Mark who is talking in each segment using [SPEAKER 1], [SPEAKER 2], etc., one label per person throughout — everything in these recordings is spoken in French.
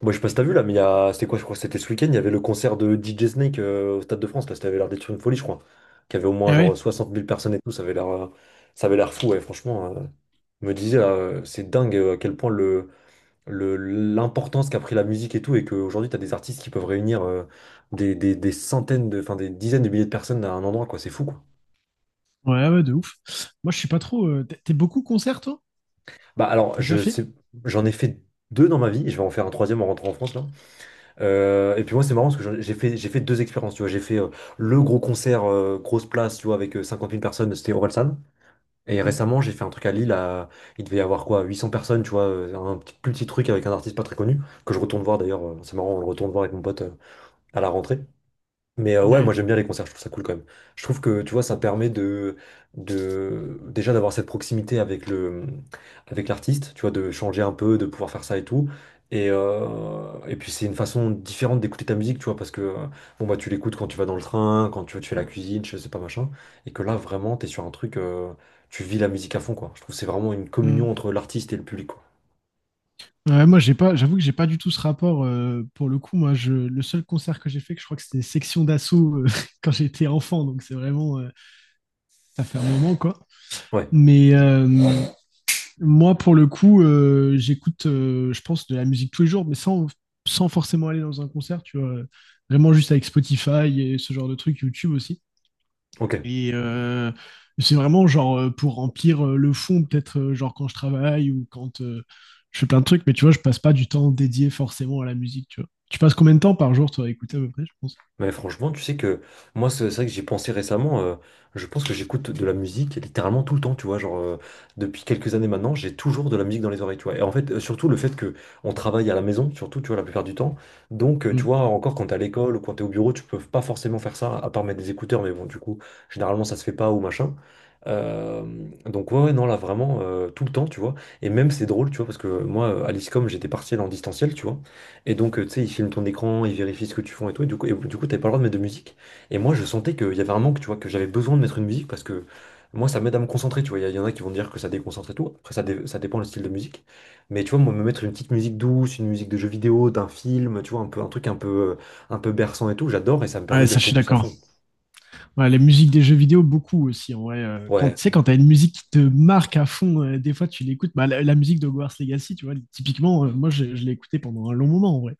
[SPEAKER 1] Moi, je sais pas si t'as vu là, mais il y a... c'était quoi, je crois, que c'était ce week-end, il y avait le concert de DJ Snake au Stade de France, là, ça avait l'air d'être une folie, je crois. Qu'il y avait au moins
[SPEAKER 2] Ah ouais.
[SPEAKER 1] genre 60 000 personnes et tout, ça avait l'air fou, ouais, franchement. Je me disais, là, c'est dingue à quel point l'importance qu'a pris la musique et tout, et qu'aujourd'hui, t'as des artistes qui peuvent réunir des centaines de, enfin des dizaines de milliers de personnes à un endroit, quoi, c'est fou, quoi.
[SPEAKER 2] Ouais, ouais, de ouf. Moi, je suis pas trop. T'es beaucoup concert, toi?
[SPEAKER 1] Bah alors,
[SPEAKER 2] T'as déjà
[SPEAKER 1] je
[SPEAKER 2] fait?
[SPEAKER 1] sais, j'en ai fait 2 dans ma vie, et je vais en faire un troisième en rentrant en France, là. Et puis moi c'est marrant parce que j'ai fait deux expériences, tu vois. J'ai fait le gros concert, grosse place, tu vois, avec 50 000 personnes, c'était Orelsan, et
[SPEAKER 2] Mm.
[SPEAKER 1] récemment j'ai fait un truc à Lille à- il devait y avoir quoi 800 personnes, tu vois, un petit, plus petit truc avec un artiste pas très connu que je retourne voir d'ailleurs. C'est marrant, on le retourne voir avec mon pote à la rentrée. Mais ouais, moi
[SPEAKER 2] Ouais.
[SPEAKER 1] j'aime bien les concerts, je trouve ça cool quand même. Je trouve que, tu vois, ça permet de déjà d'avoir cette proximité avec le, avec l'artiste, tu vois, de changer un peu, de pouvoir faire ça et tout. Et puis c'est une façon différente d'écouter ta musique, tu vois, parce que bon bah tu l'écoutes quand tu vas dans le train, quand tu fais la cuisine, je sais pas machin, et que là vraiment t'es sur un truc, tu vis la musique à fond, quoi. Je trouve que c'est vraiment une communion
[SPEAKER 2] Mm.
[SPEAKER 1] entre l'artiste et le public, quoi.
[SPEAKER 2] Ouais, moi, j'ai pas. J'avoue que j'ai pas du tout ce rapport, pour le coup. Moi, je, le seul concert que j'ai fait, que je crois que c'était Section d'Assaut quand j'étais enfant. Donc, c'est vraiment. Ça fait un moment, quoi.
[SPEAKER 1] Ouais,
[SPEAKER 2] Mais moi, pour le coup, j'écoute, je pense, de la musique tous les jours, mais sans, sans forcément aller dans un concert, tu vois. Vraiment juste avec Spotify et ce genre de trucs, YouTube aussi.
[SPEAKER 1] ok.
[SPEAKER 2] Et c'est vraiment genre pour remplir le fond, peut-être genre quand je travaille ou quand je fais plein de trucs, mais tu vois, je passe pas du temps dédié forcément à la musique, tu vois. Tu passes combien de temps par jour, toi, à écouter à peu près, je pense?
[SPEAKER 1] Mais franchement, tu sais que moi, c'est vrai que j'y ai pensé récemment. Je pense que j'écoute de la musique littéralement tout le temps, tu vois. Genre, depuis quelques années maintenant, j'ai toujours de la musique dans les oreilles, tu vois. Et en fait, surtout le fait que on travaille à la maison, surtout, tu vois, la plupart du temps. Donc, tu
[SPEAKER 2] Mm.
[SPEAKER 1] vois, encore quand t'es à l'école ou quand t'es au bureau, tu peux pas forcément faire ça, à part mettre des écouteurs. Mais bon, du coup, généralement, ça se fait pas ou machin. Euh, donc ouais, ouais, non là vraiment tout le temps, tu vois. Et même c'est drôle, tu vois, parce que moi à l'ISCOM j'étais partiel en distanciel, tu vois, et donc, tu sais, ils filment ton écran, ils vérifient ce que tu fais et tout. Et du coup, t'avais pas le droit de mettre de musique. Et moi, je sentais qu'il y avait un manque, tu vois, que j'avais besoin de mettre une musique parce que moi, ça m'aide à me concentrer, tu vois. Il y en a qui vont dire que ça déconcentre et tout. Après, ça dépend le style de musique. Mais tu vois, moi, me mettre une petite musique douce, une musique de jeu vidéo, d'un film, tu vois, un peu, un truc un peu berçant et tout, j'adore, et ça me
[SPEAKER 2] Ouais,
[SPEAKER 1] permet de
[SPEAKER 2] ça,
[SPEAKER 1] me
[SPEAKER 2] je suis
[SPEAKER 1] focus à
[SPEAKER 2] d'accord.
[SPEAKER 1] fond.
[SPEAKER 2] Ouais, les musiques des jeux vidéo, beaucoup aussi, en vrai. Quand,
[SPEAKER 1] Ouais,
[SPEAKER 2] tu sais, quand t'as une musique qui te marque à fond, des fois, tu l'écoutes. Bah, la musique de Hogwarts Legacy, tu vois, typiquement, moi, je l'ai écoutée pendant un long moment, en vrai.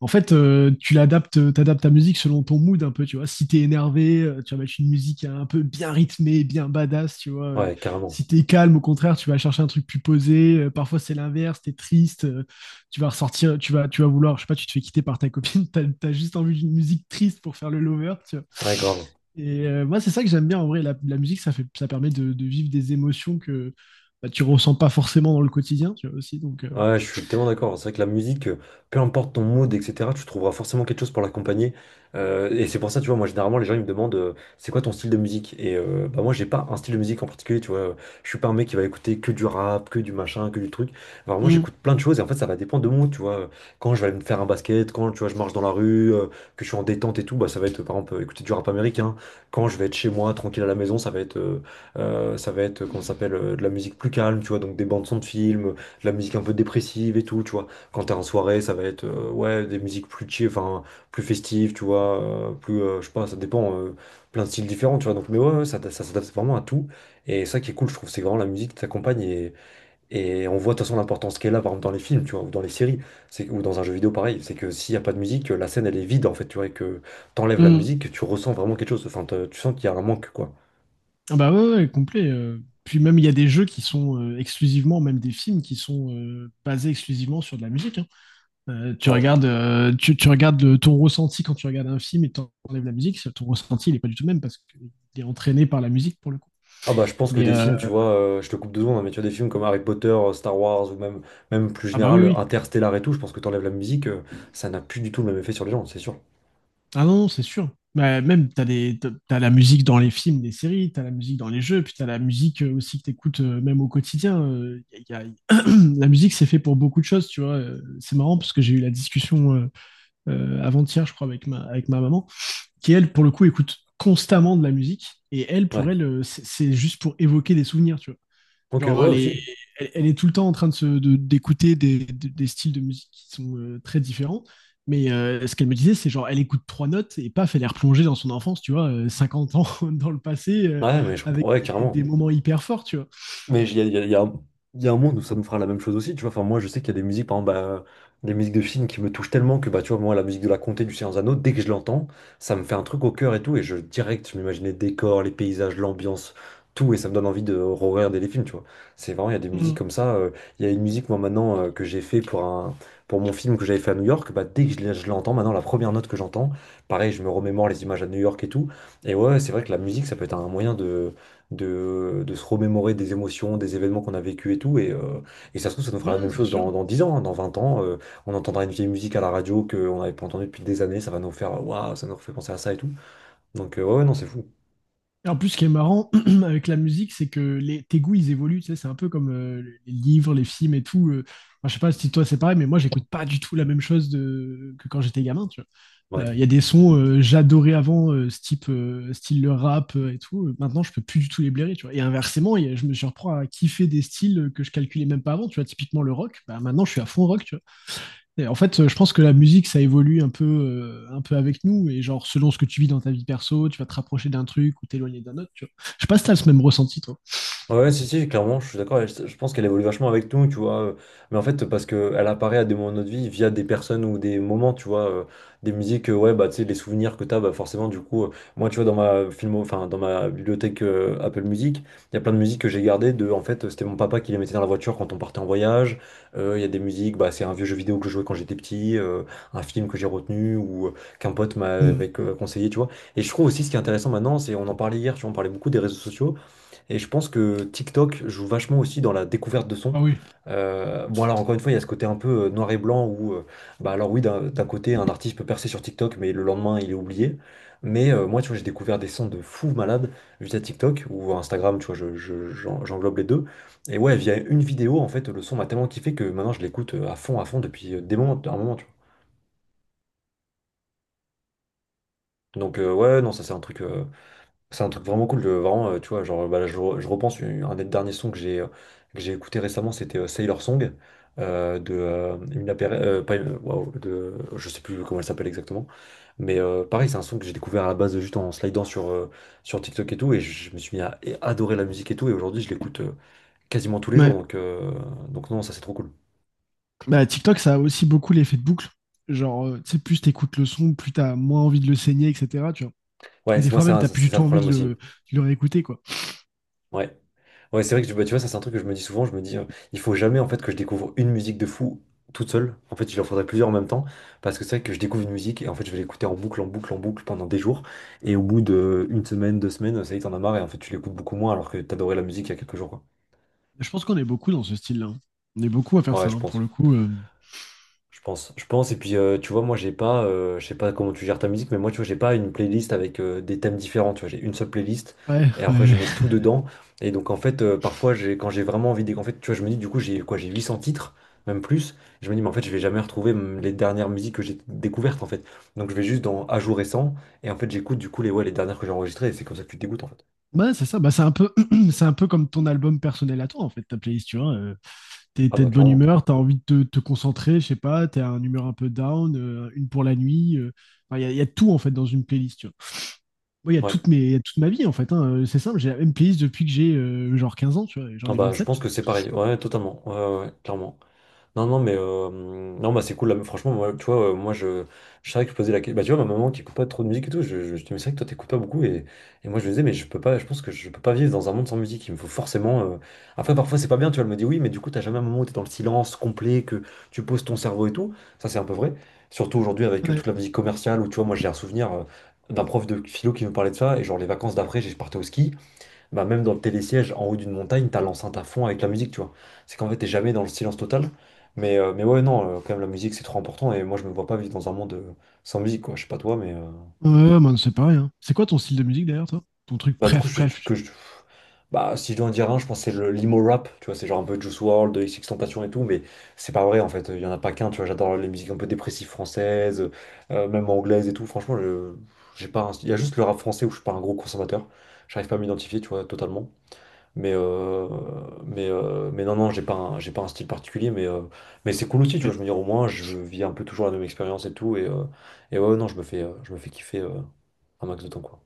[SPEAKER 2] En fait, tu l'adaptes, t'adaptes ta musique selon ton mood un peu, tu vois. Si t'es énervé, tu vas mettre une musique un peu bien rythmée, bien badass, tu vois.
[SPEAKER 1] ouais, carrément.
[SPEAKER 2] Si t'es calme, au contraire, tu vas chercher un truc plus posé. Parfois, c'est l'inverse, t'es triste, tu vas ressortir, tu vas vouloir, je sais pas, tu te fais quitter par ta copine, t'as, t'as juste envie d'une musique triste pour faire le lover, tu vois.
[SPEAKER 1] Ouais, grave.
[SPEAKER 2] Et moi, c'est ça que j'aime bien en vrai. La musique, ça fait, ça permet de vivre des émotions que bah, tu ressens pas forcément dans le quotidien, tu vois aussi. Donc,
[SPEAKER 1] Ouais, je suis tellement d'accord. C'est vrai que la musique, peu importe ton mood, etc., tu trouveras forcément quelque chose pour l'accompagner. Et c'est pour ça, tu vois, moi, généralement, les gens, ils me demandent, c'est quoi ton style de musique? Et bah, moi, j'ai pas un style de musique en particulier, tu vois. Je suis pas un mec qui va écouter que du rap, que du machin, que du truc. Alors, moi,
[SPEAKER 2] mm,
[SPEAKER 1] j'écoute plein de choses et en fait, ça va dépendre de mon mood, tu vois. Quand je vais aller me faire un basket, quand, tu vois, je marche dans la rue, que je suis en détente et tout, bah, ça va être, par exemple, écouter du rap américain. Quand je vais être chez moi, tranquille à la maison, ça va être, comment ça s'appelle, de la musique plus calme, tu vois, donc des bandes son de films, la musique un peu dépressive et tout, tu vois. Quand t'es en soirée, ça va être ouais, des musiques plus chill, enfin, plus festives, tu vois, je sais pas, ça dépend, plein de styles différents, tu vois. Donc, mais ouais, ouais, ça s'adapte vraiment à tout. Et ça qui est cool, je trouve, c'est vraiment la musique qui t'accompagne, et on voit de toute façon l'importance qu'elle a, par exemple, dans les films, tu vois, ou dans les séries, c'est, ou dans un jeu vidéo pareil. C'est que s'il y a pas de musique, la scène, elle est vide, en fait, tu vois, et que t'enlèves la
[SPEAKER 2] mm.
[SPEAKER 1] musique, tu ressens vraiment quelque chose. Enfin, tu sens qu'il y a un manque, quoi.
[SPEAKER 2] Ah bah ouais, ouais, complet. Puis même, il y a des jeux qui sont exclusivement, même des films qui sont basés exclusivement sur de la musique, hein. Tu
[SPEAKER 1] Ouais.
[SPEAKER 2] regardes, tu, tu regardes le- ton ressenti quand tu regardes un film et t'enlèves la musique, ton ressenti, il n'est pas du tout le même parce qu'il est entraîné par la musique pour le coup.
[SPEAKER 1] Ah bah je pense que
[SPEAKER 2] Mais
[SPEAKER 1] des films, tu vois, je te coupe deux secondes, hein, mais tu vois des films comme Harry Potter, Star Wars ou même, même plus
[SPEAKER 2] ah bah oui,
[SPEAKER 1] général,
[SPEAKER 2] oui.
[SPEAKER 1] Interstellar et tout, je pense que t'enlèves la musique, ça n'a plus du tout le même effet sur les gens, c'est sûr.
[SPEAKER 2] Ah non, non, c'est sûr. Bah, même, t'as des, t'as la musique dans les films, les séries, t'as la musique dans les jeux, puis t'as la musique aussi que t'écoutes même au quotidien. Y a- y a- la musique, c'est fait pour beaucoup de choses, tu vois. C'est marrant parce que j'ai eu la discussion. Avant-hier, je crois, avec ma maman, qui elle, pour le coup, écoute constamment de la musique. Et elle,
[SPEAKER 1] Ouais.
[SPEAKER 2] pour elle, c'est juste pour évoquer des souvenirs, tu vois.
[SPEAKER 1] Ok,
[SPEAKER 2] Genre,
[SPEAKER 1] ouais
[SPEAKER 2] elle est,
[SPEAKER 1] aussi.
[SPEAKER 2] elle, elle est tout le temps en train de, d'écouter des, de, des, styles de musique qui sont très différents. Mais ce qu'elle me disait, c'est genre, elle écoute trois notes et paf, elle est replongée dans son enfance, tu vois, 50 ans dans le passé,
[SPEAKER 1] Ouais, mais je
[SPEAKER 2] avec
[SPEAKER 1] comprends, ouais,
[SPEAKER 2] des,
[SPEAKER 1] carrément.
[SPEAKER 2] moments hyper forts, tu vois.
[SPEAKER 1] Mais il y a un monde où ça nous fera la même chose aussi, tu vois. Enfin, moi, je sais qu'il y a des musiques, par exemple, des musiques de films qui me touchent tellement que, bah, tu vois, moi, la musique de La Comté du Seigneur des Anneaux, dès que je l'entends, ça me fait un truc au cœur et tout. Et je, direct, je m'imagine les décors, les paysages, l'ambiance, tout. Et ça me donne envie de regarder les films, tu vois. C'est vraiment, il y a des musiques
[SPEAKER 2] Mmh.
[SPEAKER 1] comme ça. Il y a une musique, moi, maintenant, que j'ai fait pour un, pour mon film que j'avais fait à New York. Bah, dès que je l'entends, maintenant, la première note que j'entends, pareil, je me remémore les images à New York et tout. Et ouais, c'est vrai que la musique, ça peut être un moyen de se remémorer des émotions, des événements qu'on a vécu et tout. Et ça se trouve, ça nous fera la
[SPEAKER 2] Ouais,
[SPEAKER 1] même
[SPEAKER 2] c'est
[SPEAKER 1] chose dans,
[SPEAKER 2] sûr.
[SPEAKER 1] dans 10 ans, hein, dans 20 ans. On entendra une vieille musique à la radio qu'on n'avait pas entendue depuis des années. Ça va nous faire, waouh, ça nous refait penser à ça et tout. Donc, ouais, ouais, non, c'est fou.
[SPEAKER 2] Et en plus, ce qui est marrant avec la musique, c'est que les, tes goûts, ils évoluent. Tu sais, c'est un peu comme les livres, les films et tout. Enfin, je sais pas si toi c'est pareil, mais moi, j'écoute pas du tout la même chose de- que quand j'étais gamin. Tu vois.
[SPEAKER 1] Ouais.
[SPEAKER 2] Il y a des sons j'adorais avant, ce type, style le rap et tout. Maintenant, je peux plus du tout les blairer. Tu vois. Et inversement, il y a- je me surprends à kiffer des styles que je calculais même pas avant. Tu vois, typiquement le rock. Bah, maintenant, je suis à fond rock. Tu vois. Et en fait, je pense que la musique, ça évolue un peu avec nous. Et genre, selon ce que tu vis dans ta vie perso, tu vas te rapprocher d'un truc ou t'éloigner d'un autre. Tu vois. Je sais pas si t'as ce même ressenti, toi.
[SPEAKER 1] Ouais, ouais, si, si, clairement, je suis d'accord. Et je pense qu'elle évolue vachement avec nous, tu vois. Mais en fait, parce qu'elle apparaît à des moments de notre vie via des personnes ou des moments, tu vois. Des musiques, ouais, bah, tu sais, les souvenirs que t'as, bah, forcément, du coup, moi, tu vois, dans ma film, enfin, dans ma bibliothèque Apple Music, il y a plein de musiques que j'ai gardées de, en fait, c'était mon papa qui les mettait dans la voiture quand on partait en voyage. Il y a des musiques, bah, c'est un vieux jeu vidéo que je jouais quand j'étais petit, un film que j'ai retenu ou qu'un pote
[SPEAKER 2] Mm.
[SPEAKER 1] m'avait conseillé, tu vois. Et je trouve aussi ce qui est intéressant maintenant, c'est, on en parlait hier, tu vois, on parlait beaucoup des réseaux sociaux. Et je pense que TikTok joue vachement aussi dans la découverte de sons.
[SPEAKER 2] Ah oui.
[SPEAKER 1] Bon alors encore une fois, il y a ce côté un peu noir et blanc où, bah alors oui, d'un côté, un artiste peut percer sur TikTok, mais le lendemain, il est oublié. Mais moi, tu vois, j'ai découvert des sons de fous malades via TikTok ou Instagram, tu vois, j'englobe les deux. Et ouais, via une vidéo, en fait, le son m'a tellement kiffé que maintenant, je l'écoute à fond depuis un moment, tu vois. Donc ouais, non, ça c'est un truc. C'est un truc vraiment cool, de, vraiment, tu vois, genre, bah, là, je repense, un des derniers sons que j'ai écouté récemment, c'était Sailor Song, de Emina Pere- pas Emina- waouh, de, je sais plus comment elle s'appelle exactement, mais pareil, c'est un son que j'ai découvert à la base juste en slidant sur TikTok et tout, et me suis mis à et adorer la musique et tout, et aujourd'hui, je l'écoute quasiment tous les jours,
[SPEAKER 2] Ouais.
[SPEAKER 1] donc non, ça c'est trop cool.
[SPEAKER 2] Bah, TikTok, ça a aussi beaucoup l'effet de boucle. Genre, tu sais, plus t'écoutes le son, plus t'as moins envie de le saigner, etc. Tu vois.
[SPEAKER 1] Ouais,
[SPEAKER 2] Et des
[SPEAKER 1] c'est moi,
[SPEAKER 2] fois même, t'as plus
[SPEAKER 1] c'est
[SPEAKER 2] du
[SPEAKER 1] ça
[SPEAKER 2] tout
[SPEAKER 1] le
[SPEAKER 2] envie
[SPEAKER 1] problème aussi.
[SPEAKER 2] de le réécouter, quoi.
[SPEAKER 1] Ouais. Ouais, c'est vrai que bah, tu vois, ça c'est un truc que je me dis souvent, il faut jamais en fait que je découvre une musique de fou toute seule. En fait, il en faudrait plusieurs en même temps, parce que c'est vrai que je découvre une musique et en fait je vais l'écouter en boucle, en boucle, en boucle pendant des jours. Et au bout de une semaine, 2 semaines, ça y est, t'en as marre et en fait tu l'écoutes beaucoup moins alors que t'adorais la musique il y a quelques jours, quoi.
[SPEAKER 2] Je pense qu'on est beaucoup dans ce style-là, hein. On est beaucoup à faire
[SPEAKER 1] Ouais,
[SPEAKER 2] ça,
[SPEAKER 1] je
[SPEAKER 2] hein,
[SPEAKER 1] pense.
[SPEAKER 2] pour le coup.
[SPEAKER 1] Je pense, je pense. Et puis, tu vois, moi, j'ai pas, je sais pas comment tu gères ta musique, mais moi, tu vois, j'ai pas une playlist avec des thèmes différents. Tu vois, j'ai une seule playlist
[SPEAKER 2] Ouais,
[SPEAKER 1] et après, je
[SPEAKER 2] ouais.
[SPEAKER 1] mets tout dedans. Et donc, en fait, parfois, quand j'ai vraiment envie, de, en fait, tu vois, je me dis, du coup, j'ai quoi, j'ai 800 titres, même plus. Je me dis, mais en fait, je vais jamais retrouver les dernières musiques que j'ai découvertes, en fait. Donc, je vais juste dans à jour récent et en fait, j'écoute du coup les, ouais, les dernières que j'ai enregistrées. Et c'est comme ça que tu te dégoûtes, en fait.
[SPEAKER 2] Bah, c'est ça, bah, c'est un peu, c'est un peu comme ton album personnel à toi, en fait, ta playlist, tu vois. T'es,
[SPEAKER 1] Ah
[SPEAKER 2] t'es
[SPEAKER 1] bah,
[SPEAKER 2] de bonne
[SPEAKER 1] clairement.
[SPEAKER 2] humeur, t'as envie de te, te concentrer, je sais pas, t'es à une humeur un peu down, une pour la nuit. Enfin, il y a, il y a tout, en fait, dans une playlist, tu moi, il y a
[SPEAKER 1] Ouais.
[SPEAKER 2] toute, mes, il y a toute ma vie, en fait, hein. C'est simple, j'ai la même playlist depuis que j'ai genre 15 ans, tu vois. Et j'en
[SPEAKER 1] Ah
[SPEAKER 2] ai
[SPEAKER 1] bah, je
[SPEAKER 2] 27,
[SPEAKER 1] pense
[SPEAKER 2] tu
[SPEAKER 1] que c'est pareil. Ouais, totalement. Ouais, ouais, ouais, clairement. Non, non, non, bah c'est cool. Là, franchement, moi, tu vois, moi, je savais que je posais la question. Bah, tu vois, ma maman qui écoute pas trop de musique et tout, je dis, mais c'est vrai que toi, t'écoutes pas beaucoup. Et moi, je lui disais, mais je peux pas, je pense que je peux pas vivre dans un monde sans musique. Il me faut forcément. Après, parfois, c'est pas bien, tu vois. Elle me dit, oui, mais du coup, t'as jamais un moment où t'es dans le silence complet, que tu poses ton cerveau et tout. Ça, c'est un peu vrai. Surtout aujourd'hui, avec
[SPEAKER 2] vois. Ouais,
[SPEAKER 1] toute la musique commerciale, où tu vois, moi, j'ai un souvenir d'un prof de philo qui me parlait de ça. Et genre, les vacances d'après, j'ai partais au ski. Bah même dans le télésiège, en haut d'une montagne, t'as l'enceinte à fond avec la musique, tu vois. C'est qu'en fait, t'es jamais dans le silence total. Mais ouais, non, quand même, la musique, c'est trop important. Et moi, je me vois pas vivre dans un monde sans musique, quoi. Je sais pas toi, mais...
[SPEAKER 2] ouais, ouais, bah, c'est pareil, hein. C'est quoi ton style de musique, d'ailleurs, toi? Ton truc,
[SPEAKER 1] Bah du coup,
[SPEAKER 2] bref, bref, tu vois.
[SPEAKER 1] Bah si je dois en dire un, je pense que c'est le l'emo rap, tu vois. C'est genre un peu Juice World WRLD, XXXTentacion et tout. Mais c'est pas vrai, en fait. Il y en a pas qu'un, tu vois. J'adore les musiques un peu dépressives françaises, même anglaises et tout. Franchement, j'ai pas... Il y a juste le rap français où je suis pas un gros consommateur. J'arrive pas à m'identifier, tu vois, totalement. Mais, euh, mais non, non, j'ai pas un style particulier, mais c'est cool aussi, tu vois. Je
[SPEAKER 2] Ok.
[SPEAKER 1] veux dire, au moins, je vis un peu toujours la même expérience et tout. Et ouais, ouais, non, je me fais kiffer un max de temps, quoi.